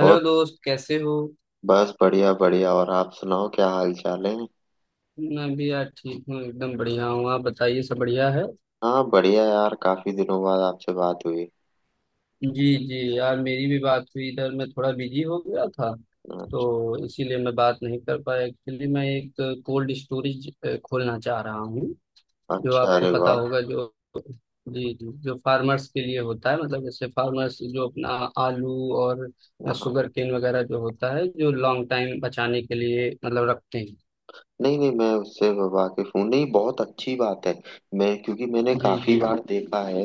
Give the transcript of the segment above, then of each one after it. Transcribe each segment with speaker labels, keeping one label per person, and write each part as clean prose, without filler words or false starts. Speaker 1: और
Speaker 2: हेलो दोस्त, कैसे हो?
Speaker 1: बस बढ़िया बढ़िया। और आप सुनाओ, क्या हाल चाल है।
Speaker 2: मैं भी यार ठीक हूँ, एकदम बढ़िया हूँ। आप बताइए, सब बढ़िया है?
Speaker 1: हाँ बढ़िया यार, काफी दिनों बाद आपसे बात हुई।
Speaker 2: जी जी, यार मेरी भी बात हुई। इधर मैं थोड़ा बिजी हो गया था तो
Speaker 1: अच्छा।
Speaker 2: इसीलिए मैं बात नहीं कर पाया। एक्चुअली मैं एक कोल्ड स्टोरेज खोलना चाह रहा हूँ। जो
Speaker 1: अच्छा,
Speaker 2: आपको
Speaker 1: अरे
Speaker 2: पता
Speaker 1: वाह।
Speaker 2: होगा, जो जी जी, जो फार्मर्स के लिए होता है, मतलब जैसे फार्मर्स जो अपना आलू और
Speaker 1: हाँ,
Speaker 2: शुगर केन वगैरह जो होता है, जो लॉन्ग टाइम बचाने के लिए मतलब रखते हैं।
Speaker 1: नहीं नहीं, मैं उससे वाकिफ हूँ। नहीं, बहुत अच्छी बात है। मैं क्योंकि मैंने
Speaker 2: जी
Speaker 1: काफी
Speaker 2: जी।
Speaker 1: बार देखा है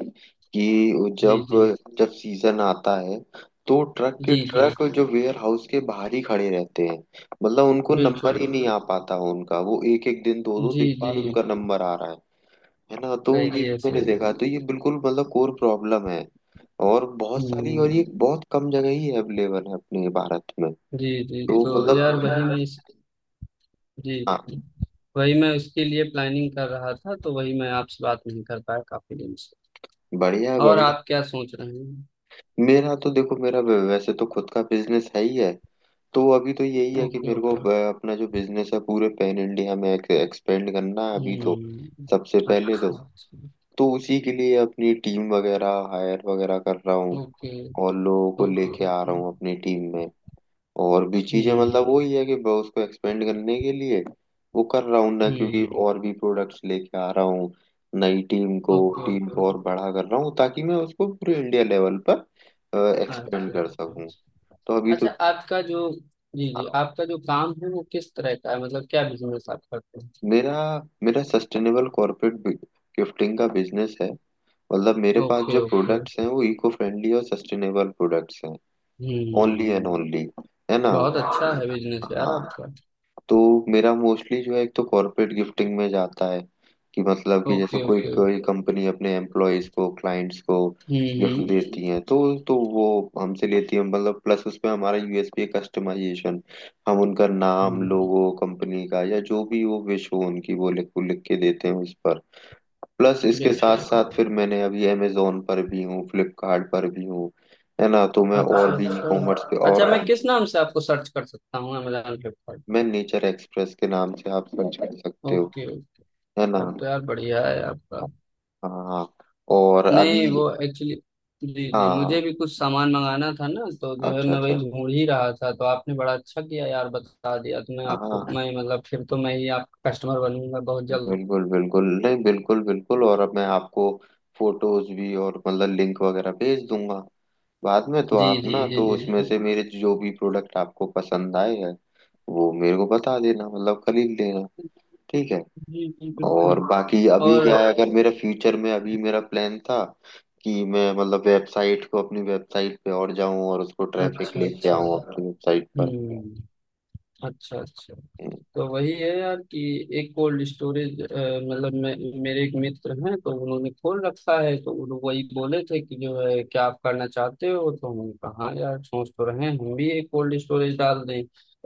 Speaker 1: कि जब
Speaker 2: जी जी।
Speaker 1: जब सीजन आता है तो ट्रक के
Speaker 2: जी जी।
Speaker 1: ट्रक जो वेयर हाउस के बाहर ही खड़े रहते हैं। मतलब उनको नंबर
Speaker 2: बिल्कुल
Speaker 1: ही नहीं
Speaker 2: बिल्कुल।
Speaker 1: आ पाता, उनका वो एक एक दिन दो दो
Speaker 2: जी
Speaker 1: दिन
Speaker 2: जी।
Speaker 1: बाद उनका नंबर आ रहा है। है ना? तो ये
Speaker 2: सही है,
Speaker 1: मैंने
Speaker 2: सही है।
Speaker 1: देखा, तो ये बिल्कुल मतलब कोर प्रॉब्लम है। और बहुत सारी और
Speaker 2: हम्म।
Speaker 1: ये बहुत कम जगह ही अवेलेबल है अपने भारत में।
Speaker 2: जी जी,
Speaker 1: तो
Speaker 2: तो यार वही
Speaker 1: मतलब
Speaker 2: मैं इस। जी
Speaker 1: हाँ,
Speaker 2: जी, वही मैं उसके लिए प्लानिंग कर रहा था, तो वही मैं आपसे बात नहीं कर पाया काफी दिन से।
Speaker 1: बढ़िया है
Speaker 2: और
Speaker 1: बढ़िया।
Speaker 2: आप क्या सोच रहे हैं?
Speaker 1: मेरा तो देखो, मेरा वैसे तो खुद का बिजनेस है ही है। तो अभी तो यही है कि
Speaker 2: ओके
Speaker 1: मेरे को
Speaker 2: ओके।
Speaker 1: अपना जो बिजनेस है पूरे पैन इंडिया में एक्सपेंड करना है अभी तो।
Speaker 2: हम्म।
Speaker 1: सबसे पहले
Speaker 2: अच्छा अच्छा।
Speaker 1: तो उसी के लिए अपनी टीम वगैरह हायर वगैरह कर रहा हूँ।
Speaker 2: ओके
Speaker 1: और लोगों को
Speaker 2: ओके
Speaker 1: लेके आ
Speaker 2: ओके।
Speaker 1: रहा हूँ अपनी टीम में। और भी चीजें
Speaker 2: हम्म
Speaker 1: मतलब वही है कि मैं उसको एक्सपेंड करने के लिए वो कर रहा हूँ ना, क्योंकि
Speaker 2: हम्म।
Speaker 1: और भी प्रोडक्ट्स लेके आ रहा हूँ। नई
Speaker 2: ओके
Speaker 1: टीम
Speaker 2: ओके।
Speaker 1: को और बड़ा कर रहा हूँ ताकि मैं उसको पूरे इंडिया लेवल पर एक्सपेंड
Speaker 2: अच्छा
Speaker 1: कर
Speaker 2: अच्छा
Speaker 1: सकूँ।
Speaker 2: अच्छा।
Speaker 1: तो अभी तो
Speaker 2: अच्छा, आपका जो जी जी,
Speaker 1: हाँ,
Speaker 2: आपका जो काम है वो किस तरह का है? मतलब क्या बिजनेस आप करते हैं?
Speaker 1: मेरा मेरा सस्टेनेबल कॉर्पोरेट गिफ्टिंग का बिजनेस है। मतलब मेरे पास
Speaker 2: ओके
Speaker 1: जो
Speaker 2: ओके।
Speaker 1: प्रोडक्ट्स हैं वो इको फ्रेंडली और सस्टेनेबल प्रोडक्ट्स हैं, ओनली एंड
Speaker 2: हम्म।
Speaker 1: ओनली। है ना?
Speaker 2: बहुत अच्छा है बिजनेस यार
Speaker 1: हाँ,
Speaker 2: आपका।
Speaker 1: तो मेरा मोस्टली जो है एक तो कॉर्पोरेट गिफ्टिंग में जाता है। कि मतलब कि जैसे
Speaker 2: ओके
Speaker 1: कोई
Speaker 2: ओके।
Speaker 1: कोई कंपनी अपने एम्प्लॉयज को क्लाइंट्स को गिफ्ट
Speaker 2: हम्म
Speaker 1: देती है, तो वो हमसे लेती है। मतलब प्लस उसमें हमारा यूएसपी है कस्टमाइजेशन। हम उनका
Speaker 2: हम्म।
Speaker 1: नाम, लोगो, कंपनी का या जो भी वो विश हो उनकी वो लिख लिख के देते हैं उस पर। प्लस इसके साथ
Speaker 2: बिल्कुल।
Speaker 1: साथ फिर मैंने अभी अमेजोन पर भी हूँ, फ्लिपकार्ट पर भी हूँ। है ना? तो मैं
Speaker 2: अच्छा
Speaker 1: और भी ई
Speaker 2: अच्छा।
Speaker 1: कॉमर्स पे
Speaker 2: अच्छा,
Speaker 1: और
Speaker 2: मैं किस नाम से आपको सर्च कर सकता हूँ अमेजोन फ्लिपकार्ट पे?
Speaker 1: मैं नेचर एक्सप्रेस के नाम से आप सर्च कर सकते हो।
Speaker 2: Okay okay.
Speaker 1: है ना?
Speaker 2: तब तो यार बढ़िया है आपका।
Speaker 1: हाँ, और अभी
Speaker 2: नहीं, वो एक्चुअली। जी जी, मुझे
Speaker 1: हाँ
Speaker 2: भी कुछ सामान मंगाना था ना, तो जो है
Speaker 1: अच्छा
Speaker 2: मैं
Speaker 1: अच्छा
Speaker 2: वही ढूंढ ही रहा था, तो आपने बड़ा अच्छा किया यार बता दिया। तो मैं आपको,
Speaker 1: हाँ
Speaker 2: मैं मतलब, फिर तो मैं ही आपका कस्टमर बनूंगा बहुत जल्द।
Speaker 1: बिल्कुल बिल्कुल, नहीं बिल्कुल बिल्कुल। और अब मैं आपको फोटोज भी और मतलब लिंक वगैरह भेज दूंगा बाद में, तो
Speaker 2: जी
Speaker 1: आप
Speaker 2: जी
Speaker 1: ना
Speaker 2: जी
Speaker 1: तो उसमें
Speaker 2: बिल्कुल।
Speaker 1: से मेरे जो भी प्रोडक्ट आपको पसंद आए हैं वो मेरे को बता देना, मतलब खरीद लेना। ठीक है।
Speaker 2: जी जी
Speaker 1: और
Speaker 2: बिल्कुल।
Speaker 1: बाकी अभी
Speaker 2: और
Speaker 1: क्या है, अगर मेरा फ्यूचर में अभी मेरा प्लान था कि मैं मतलब वेबसाइट को, अपनी वेबसाइट पे और जाऊं और उसको ट्रैफिक
Speaker 2: अच्छा
Speaker 1: लेके
Speaker 2: अच्छा।
Speaker 1: आऊं अपनी वेबसाइट पर।
Speaker 2: हम्म। अच्छा अच्छा। तो वही है यार कि एक कोल्ड स्टोरेज, मतलब मैं, मेरे एक मित्र हैं तो उन्होंने खोल रखा है, तो वो लोग वही बोले थे कि जो है क्या आप करना चाहते हो, तो हमने कहा हाँ यार, सोच तो रहे हैं हम भी एक कोल्ड स्टोरेज डाल दें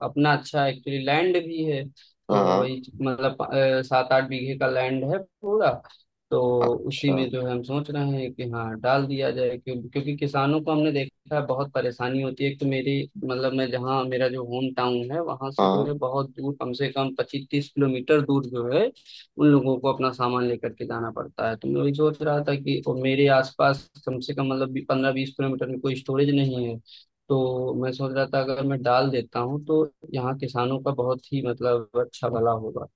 Speaker 2: अपना। अच्छा एक्चुअली लैंड भी है, तो
Speaker 1: हाँ।
Speaker 2: वही मतलब 7-8 बीघे का लैंड है पूरा। तो उसी
Speaker 1: अच्छा।
Speaker 2: में जो है हम सोच रहे हैं कि हाँ डाल दिया जाए। क्योंकि किसानों को हमने देखा है बहुत परेशानी होती है। एक तो मेरी मतलब, मैं जहाँ, मेरा जो होम टाउन है वहां से जो
Speaker 1: हाँ,
Speaker 2: है बहुत दूर, कम से कम 25-30 किलोमीटर दूर, जो है उन लोगों को अपना सामान लेकर के जाना पड़ता है। तो मैं वही सोच रहा था कि, और मेरे आसपास कम से कम मतलब 15-20 किलोमीटर में कोई स्टोरेज नहीं है। तो मैं सोच रहा था अगर मैं डाल देता हूँ तो यहाँ किसानों का बहुत ही मतलब अच्छा भला होगा।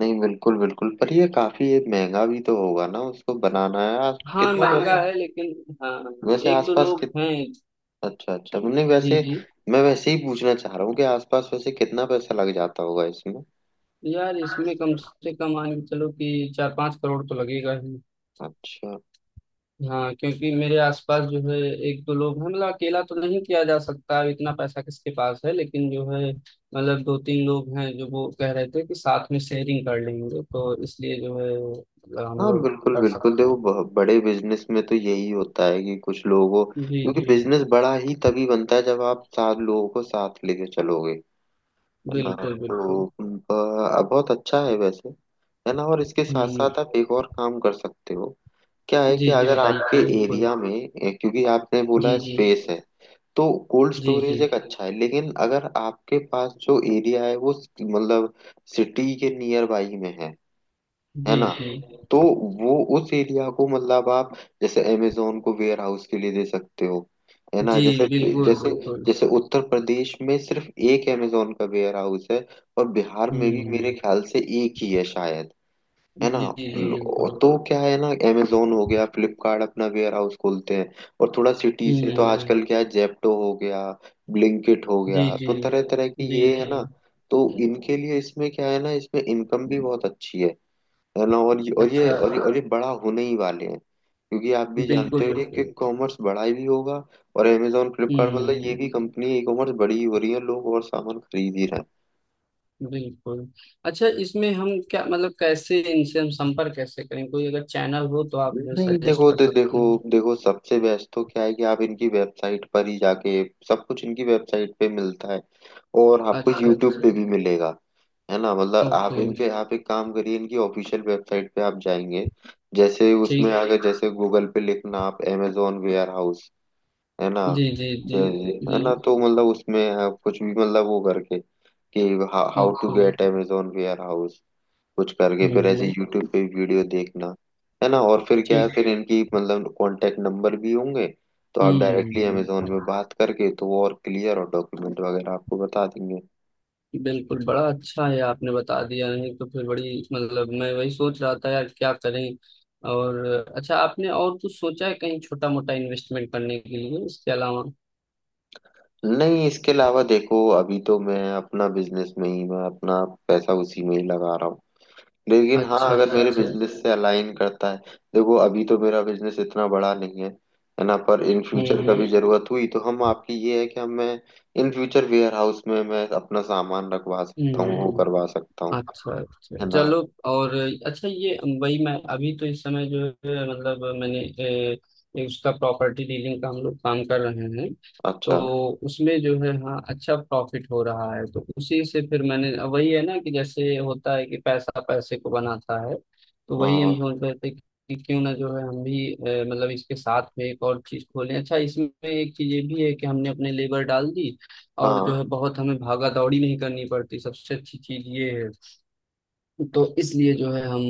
Speaker 1: नहीं बिल्कुल बिल्कुल, पर ये काफी ये महंगा भी तो होगा ना उसको बनाना। है आस-
Speaker 2: हाँ
Speaker 1: कितना
Speaker 2: महंगा
Speaker 1: पैसा
Speaker 2: है लेकिन। हाँ।
Speaker 1: वैसे
Speaker 2: एक दो
Speaker 1: आसपास
Speaker 2: लोग
Speaker 1: कित,
Speaker 2: हैं।
Speaker 1: अच्छा अच्छा, नहीं
Speaker 2: जी
Speaker 1: वैसे
Speaker 2: जी,
Speaker 1: मैं वैसे ही पूछना चाह रहा हूँ कि आसपास वैसे कितना पैसा लग जाता होगा इसमें।
Speaker 2: यार इसमें कम से कम मान के चलो कि 4-5 करोड़ तो लगेगा ही।
Speaker 1: अच्छा।
Speaker 2: हाँ, क्योंकि मेरे आसपास जो है 1-2 लोग हैं, मतलब अकेला तो नहीं किया जा सकता, इतना पैसा किसके पास है, लेकिन जो है मतलब 2-3 लोग हैं जो वो कह रहे थे कि साथ में शेयरिंग कर लेंगे, तो इसलिए जो है मतलब
Speaker 1: हाँ
Speaker 2: हम लोग
Speaker 1: बिल्कुल
Speaker 2: कर
Speaker 1: बिल्कुल,
Speaker 2: सकते
Speaker 1: देखो
Speaker 2: हैं।
Speaker 1: बड़े बिजनेस में तो यही होता है कि कुछ लोगों,
Speaker 2: जी
Speaker 1: क्योंकि
Speaker 2: जी
Speaker 1: बिजनेस बड़ा ही तभी बनता है जब आप सात लोगों को साथ लेके चलोगे। है ना?
Speaker 2: बिल्कुल
Speaker 1: तो
Speaker 2: बिल्कुल।
Speaker 1: बहुत अच्छा है वैसे। है ना? और इसके साथ
Speaker 2: हम्म।
Speaker 1: साथ आप एक और काम कर सकते हो। क्या है
Speaker 2: जी
Speaker 1: कि
Speaker 2: जी
Speaker 1: अगर आपके
Speaker 2: बताइए बिल्कुल।
Speaker 1: एरिया में क्योंकि आपने
Speaker 2: जी
Speaker 1: बोला
Speaker 2: जी।
Speaker 1: स्पेस है, तो कोल्ड
Speaker 2: जी
Speaker 1: स्टोरेज
Speaker 2: जी।
Speaker 1: एक अच्छा है। लेकिन अगर आपके पास जो एरिया है वो मतलब सिटी के नियर बाई में है
Speaker 2: जी
Speaker 1: ना,
Speaker 2: जी।
Speaker 1: तो वो उस एरिया को मतलब आप जैसे अमेजोन को वेयर हाउस के लिए दे सकते हो। है ना?
Speaker 2: जी
Speaker 1: जैसे
Speaker 2: बिल्कुल
Speaker 1: जैसे
Speaker 2: बिल्कुल।
Speaker 1: जैसे उत्तर प्रदेश में सिर्फ एक अमेजोन का वेयर हाउस है, और बिहार में भी मेरे
Speaker 2: हम्म।
Speaker 1: ख्याल से एक ही है शायद। है ना?
Speaker 2: जी जी
Speaker 1: और
Speaker 2: बिल्कुल।
Speaker 1: तो क्या है ना, अमेजोन हो गया, फ्लिपकार्ट अपना वेयर हाउस खोलते हैं। और थोड़ा सिटी से तो
Speaker 2: हम्म।
Speaker 1: आजकल क्या है, जेप्टो हो गया, ब्लिंकिट हो
Speaker 2: जी
Speaker 1: गया,
Speaker 2: जी।
Speaker 1: तो तरह तरह की
Speaker 2: जी
Speaker 1: ये है
Speaker 2: जी।
Speaker 1: ना। तो इनके लिए इसमें क्या है ना, इसमें इनकम भी बहुत अच्छी है। है ना? और ये और ये
Speaker 2: अच्छा।
Speaker 1: और ये और ये बड़ा होने ही वाले हैं क्योंकि आप भी जानते
Speaker 2: बिल्कुल
Speaker 1: हो ये कि
Speaker 2: बिल्कुल।
Speaker 1: कॉमर्स बड़ा भी होगा। और अमेजोन फ्लिपकार्ट मतलब ये
Speaker 2: हम्म।
Speaker 1: भी कंपनी ई कॉमर्स बड़ी ही हो रही है, लोग और सामान खरीद ही रहे हैं।
Speaker 2: बिल्कुल। अच्छा, इसमें हम क्या मतलब कैसे, इनसे हम संपर्क कैसे करें? कोई अगर चैनल हो तो आप मुझे
Speaker 1: नहीं
Speaker 2: सजेस्ट
Speaker 1: देखो
Speaker 2: कर सकते हैं।
Speaker 1: देखो, सबसे बेस्ट तो क्या है कि आप इनकी वेबसाइट पर ही जाके सब कुछ इनकी वेबसाइट पे मिलता है, और आपको
Speaker 2: अच्छा
Speaker 1: यूट्यूब
Speaker 2: अच्छा।
Speaker 1: पे भी मिलेगा। है ना? मतलब आप
Speaker 2: ओके।
Speaker 1: इनके आप एक काम करिए, इनकी ऑफिशियल वेबसाइट पे आप जाएंगे। जैसे उसमें
Speaker 2: ठीक।
Speaker 1: अगर जैसे गूगल पे लिखना आप अमेजोन वेयर हाउस, है ना,
Speaker 2: जी जी। जी
Speaker 1: जैसे, है
Speaker 2: जी।
Speaker 1: ना, तो मतलब उसमें आप कुछ भी मतलब वो करके कि how to
Speaker 2: okay.
Speaker 1: Get Amazon warehouse, कुछ करके फिर ऐसे
Speaker 2: हम्म।
Speaker 1: यूट्यूब पे वीडियो देखना। है ना? और फिर क्या है,
Speaker 2: ठीक।
Speaker 1: फिर इनकी मतलब कांटेक्ट नंबर भी होंगे, तो आप डायरेक्टली
Speaker 2: हम्म।
Speaker 1: अमेजोन में बात करके तो वो और क्लियर और डॉक्यूमेंट वगैरह आपको बता देंगे।
Speaker 2: बिल्कुल, बड़ा अच्छा है आपने बता दिया, नहीं तो फिर बड़ी मतलब मैं वही सोच रहा था यार क्या करें। और अच्छा, आपने और कुछ सोचा है कहीं छोटा मोटा इन्वेस्टमेंट करने के लिए इसके अलावा?
Speaker 1: नहीं इसके अलावा देखो, अभी तो मैं अपना बिजनेस में ही मैं अपना पैसा उसी में ही लगा रहा हूँ। लेकिन हाँ,
Speaker 2: अच्छा
Speaker 1: अगर मेरे
Speaker 2: अच्छा।
Speaker 1: बिजनेस से अलाइन करता है, देखो अभी तो मेरा बिजनेस इतना बड़ा नहीं है, है ना, पर इन फ्यूचर
Speaker 2: हम्म।
Speaker 1: कभी जरूरत हुई तो हम आपकी ये है कि हम मैं इन फ्यूचर वेयर हाउस में मैं अपना सामान रखवा
Speaker 2: हम्म
Speaker 1: सकता हूँ, वो
Speaker 2: हम्म।
Speaker 1: करवा सकता हूँ।
Speaker 2: अच्छा अच्छा
Speaker 1: है ना?
Speaker 2: चलो। और अच्छा, ये वही मैं अभी तो इस समय जो है मतलब मैंने ए, ए, उसका प्रॉपर्टी डीलिंग का हम लोग काम कर रहे हैं। तो
Speaker 1: अच्छा,
Speaker 2: उसमें जो है हाँ अच्छा प्रॉफिट हो रहा है, तो उसी से फिर मैंने वही है ना कि जैसे होता है कि पैसा पैसे को बनाता है, तो वही हम
Speaker 1: हाँ
Speaker 2: सोच रहे थे कि क्यों ना जो है हम भी मतलब इसके साथ में एक और चीज खोलें। अच्छा इसमें एक चीज ये भी है कि हमने अपने लेबर डाल दी और जो है
Speaker 1: हाँ
Speaker 2: बहुत हमें भागा दौड़ी नहीं करनी पड़ती, सबसे अच्छी चीज ये है। तो इसलिए जो है हम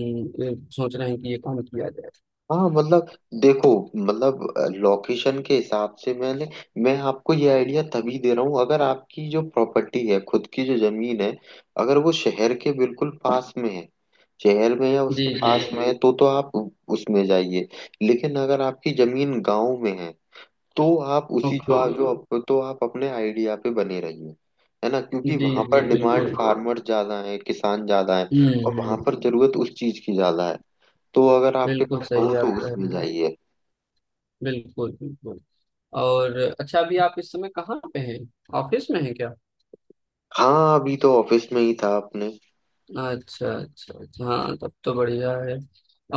Speaker 2: ये सोच रहे हैं कि ये काम किया जाए।
Speaker 1: हाँ मतलब देखो, मतलब लोकेशन के हिसाब से मैंने मैं आपको ये आइडिया तभी दे रहा हूँ अगर आपकी जो प्रॉपर्टी है, खुद की जो जमीन है, अगर वो शहर के बिल्कुल पास में है, शहर में या
Speaker 2: जी
Speaker 1: उसके
Speaker 2: जी।
Speaker 1: पास में है, तो आप उसमें जाइए। लेकिन अगर आपकी जमीन गांव में है, तो आप उसी जो
Speaker 2: ओके।
Speaker 1: आप जो तो आप अपने आइडिया पे बने रहिए। है ना? क्योंकि
Speaker 2: जी
Speaker 1: वहां
Speaker 2: जी
Speaker 1: पर डिमांड
Speaker 2: बिल्कुल।
Speaker 1: फार्मर ज्यादा है, किसान ज्यादा है।
Speaker 2: हम्म
Speaker 1: और
Speaker 2: हम्म,
Speaker 1: वहां पर जरूरत उस चीज की ज्यादा है। तो अगर आपके
Speaker 2: बिल्कुल
Speaker 1: पास
Speaker 2: सही
Speaker 1: हो
Speaker 2: आप
Speaker 1: तो
Speaker 2: कह रहे
Speaker 1: उसमें
Speaker 2: हैं।
Speaker 1: जाइए।
Speaker 2: बिल्कुल बिल्कुल। और अच्छा, अभी आप इस समय कहाँ पे हैं? ऑफिस में हैं क्या?
Speaker 1: हाँ, अभी तो ऑफिस में ही था अपने।
Speaker 2: अच्छा अच्छा अच्छा। हाँ, तब तो बढ़िया है।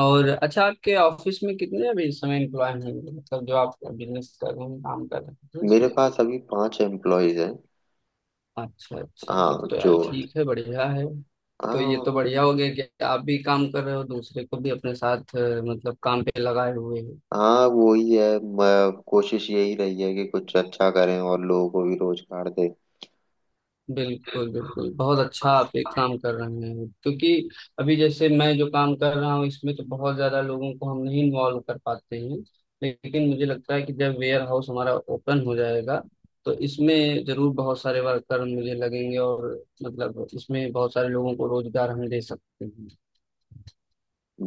Speaker 2: और अच्छा, आपके ऑफिस में कितने अभी इस समय एम्प्लॉय हैं, मतलब जो आप बिजनेस कर रहे हैं काम कर रहे हैं
Speaker 1: मेरे
Speaker 2: इसमें?
Speaker 1: पास अभी 5 एम्प्लॉयज हैं।
Speaker 2: अच्छा अच्छा, तब
Speaker 1: हाँ
Speaker 2: तो
Speaker 1: जो
Speaker 2: यार ठीक है, बढ़िया है। तो ये तो
Speaker 1: हाँ
Speaker 2: बढ़िया हो गया कि आप भी काम कर रहे हो, दूसरे को भी अपने साथ मतलब काम पे लगाए हुए हो।
Speaker 1: हाँ वो ही है कोशिश यही रही है कि कुछ अच्छा करें और लोगों को भी रोजगार दें।
Speaker 2: बिल्कुल बिल्कुल, बहुत अच्छा आप एक काम कर रहे हैं। क्योंकि अभी जैसे मैं जो काम कर रहा हूँ इसमें तो बहुत ज्यादा लोगों को हम नहीं इन्वॉल्व कर पाते हैं। लेकिन मुझे लगता है कि जब वेयर हाउस हमारा ओपन हो जाएगा तो इसमें जरूर बहुत सारे वर्कर मुझे लगेंगे, और मतलब इसमें बहुत सारे लोगों को रोजगार हम दे सकते हैं।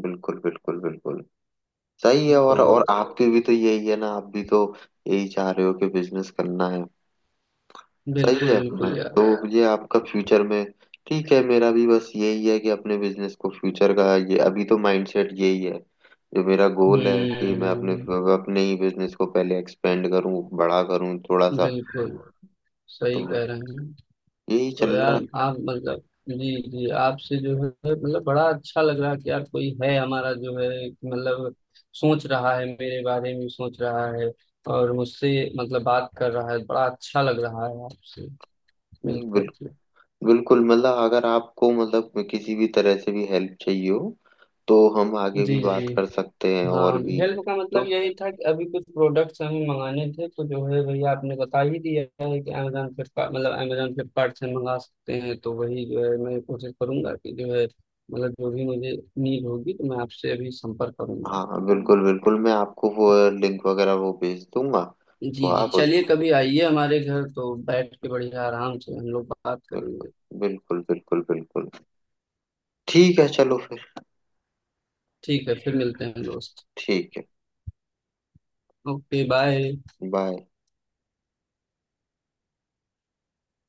Speaker 1: बिल्कुल बिल्कुल बिल्कुल सही है। और
Speaker 2: तो
Speaker 1: आपकी भी तो यही है ना, आप भी तो यही चाह रहे हो कि बिजनेस करना है। सही
Speaker 2: बिल्कुल
Speaker 1: है, मैं
Speaker 2: बिल्कुल यार।
Speaker 1: तो ये आपका फ्यूचर में ठीक है, मेरा भी बस यही है कि अपने बिजनेस को फ्यूचर का ये अभी तो माइंडसेट यही है, जो मेरा गोल है कि मैं अपने
Speaker 2: हम्म।
Speaker 1: अपने ही बिजनेस को पहले एक्सपेंड करूं, बड़ा करूं थोड़ा सा।
Speaker 2: बिल्कुल
Speaker 1: तो
Speaker 2: सही कह रहे हैं।
Speaker 1: यही चल
Speaker 2: तो
Speaker 1: रहा
Speaker 2: यार
Speaker 1: है।
Speaker 2: आप मतलब, जी जी, आपसे जो है मतलब बड़ा अच्छा लग रहा है कि यार कोई है हमारा जो है मतलब सोच रहा है, मेरे बारे में सोच रहा है। और मुझसे मतलब बात कर रहा है, बड़ा अच्छा लग रहा है आपसे मिल
Speaker 1: नहीं
Speaker 2: करके।
Speaker 1: बिल्कुल बिल्कुल, मतलब अगर आपको मतलब किसी भी तरह से भी हेल्प चाहिए हो तो हम आगे
Speaker 2: जी
Speaker 1: भी
Speaker 2: जी।
Speaker 1: बात कर सकते हैं और
Speaker 2: हाँ,
Speaker 1: भी।
Speaker 2: हेल्प का मतलब
Speaker 1: तो
Speaker 2: यही था कि अभी कुछ प्रोडक्ट्स हमें मंगाने थे, तो जो है भैया आपने बता ही दिया है कि अमेजोन फ्लिपकार्ट, मतलब अमेजोन फ्लिपकार्ट से मंगा सकते हैं। तो वही जो है मैं कोशिश करूंगा कि जो है मतलब जो भी मुझे नीड होगी तो मैं आपसे अभी संपर्क करूंगा।
Speaker 1: हाँ बिल्कुल बिल्कुल, मैं आपको वो लिंक वगैरह वो भेज दूंगा। तो
Speaker 2: जी जी।
Speaker 1: आप उस
Speaker 2: चलिए कभी आइए हमारे घर, तो बैठ के बढ़िया आराम से हम लोग बात
Speaker 1: बिल्कुल
Speaker 2: करेंगे।
Speaker 1: बिल्कुल, ठीक है चलो फिर।
Speaker 2: ठीक है, फिर मिलते हैं दोस्त।
Speaker 1: ठीक है,
Speaker 2: ओके, बाय।
Speaker 1: बाय।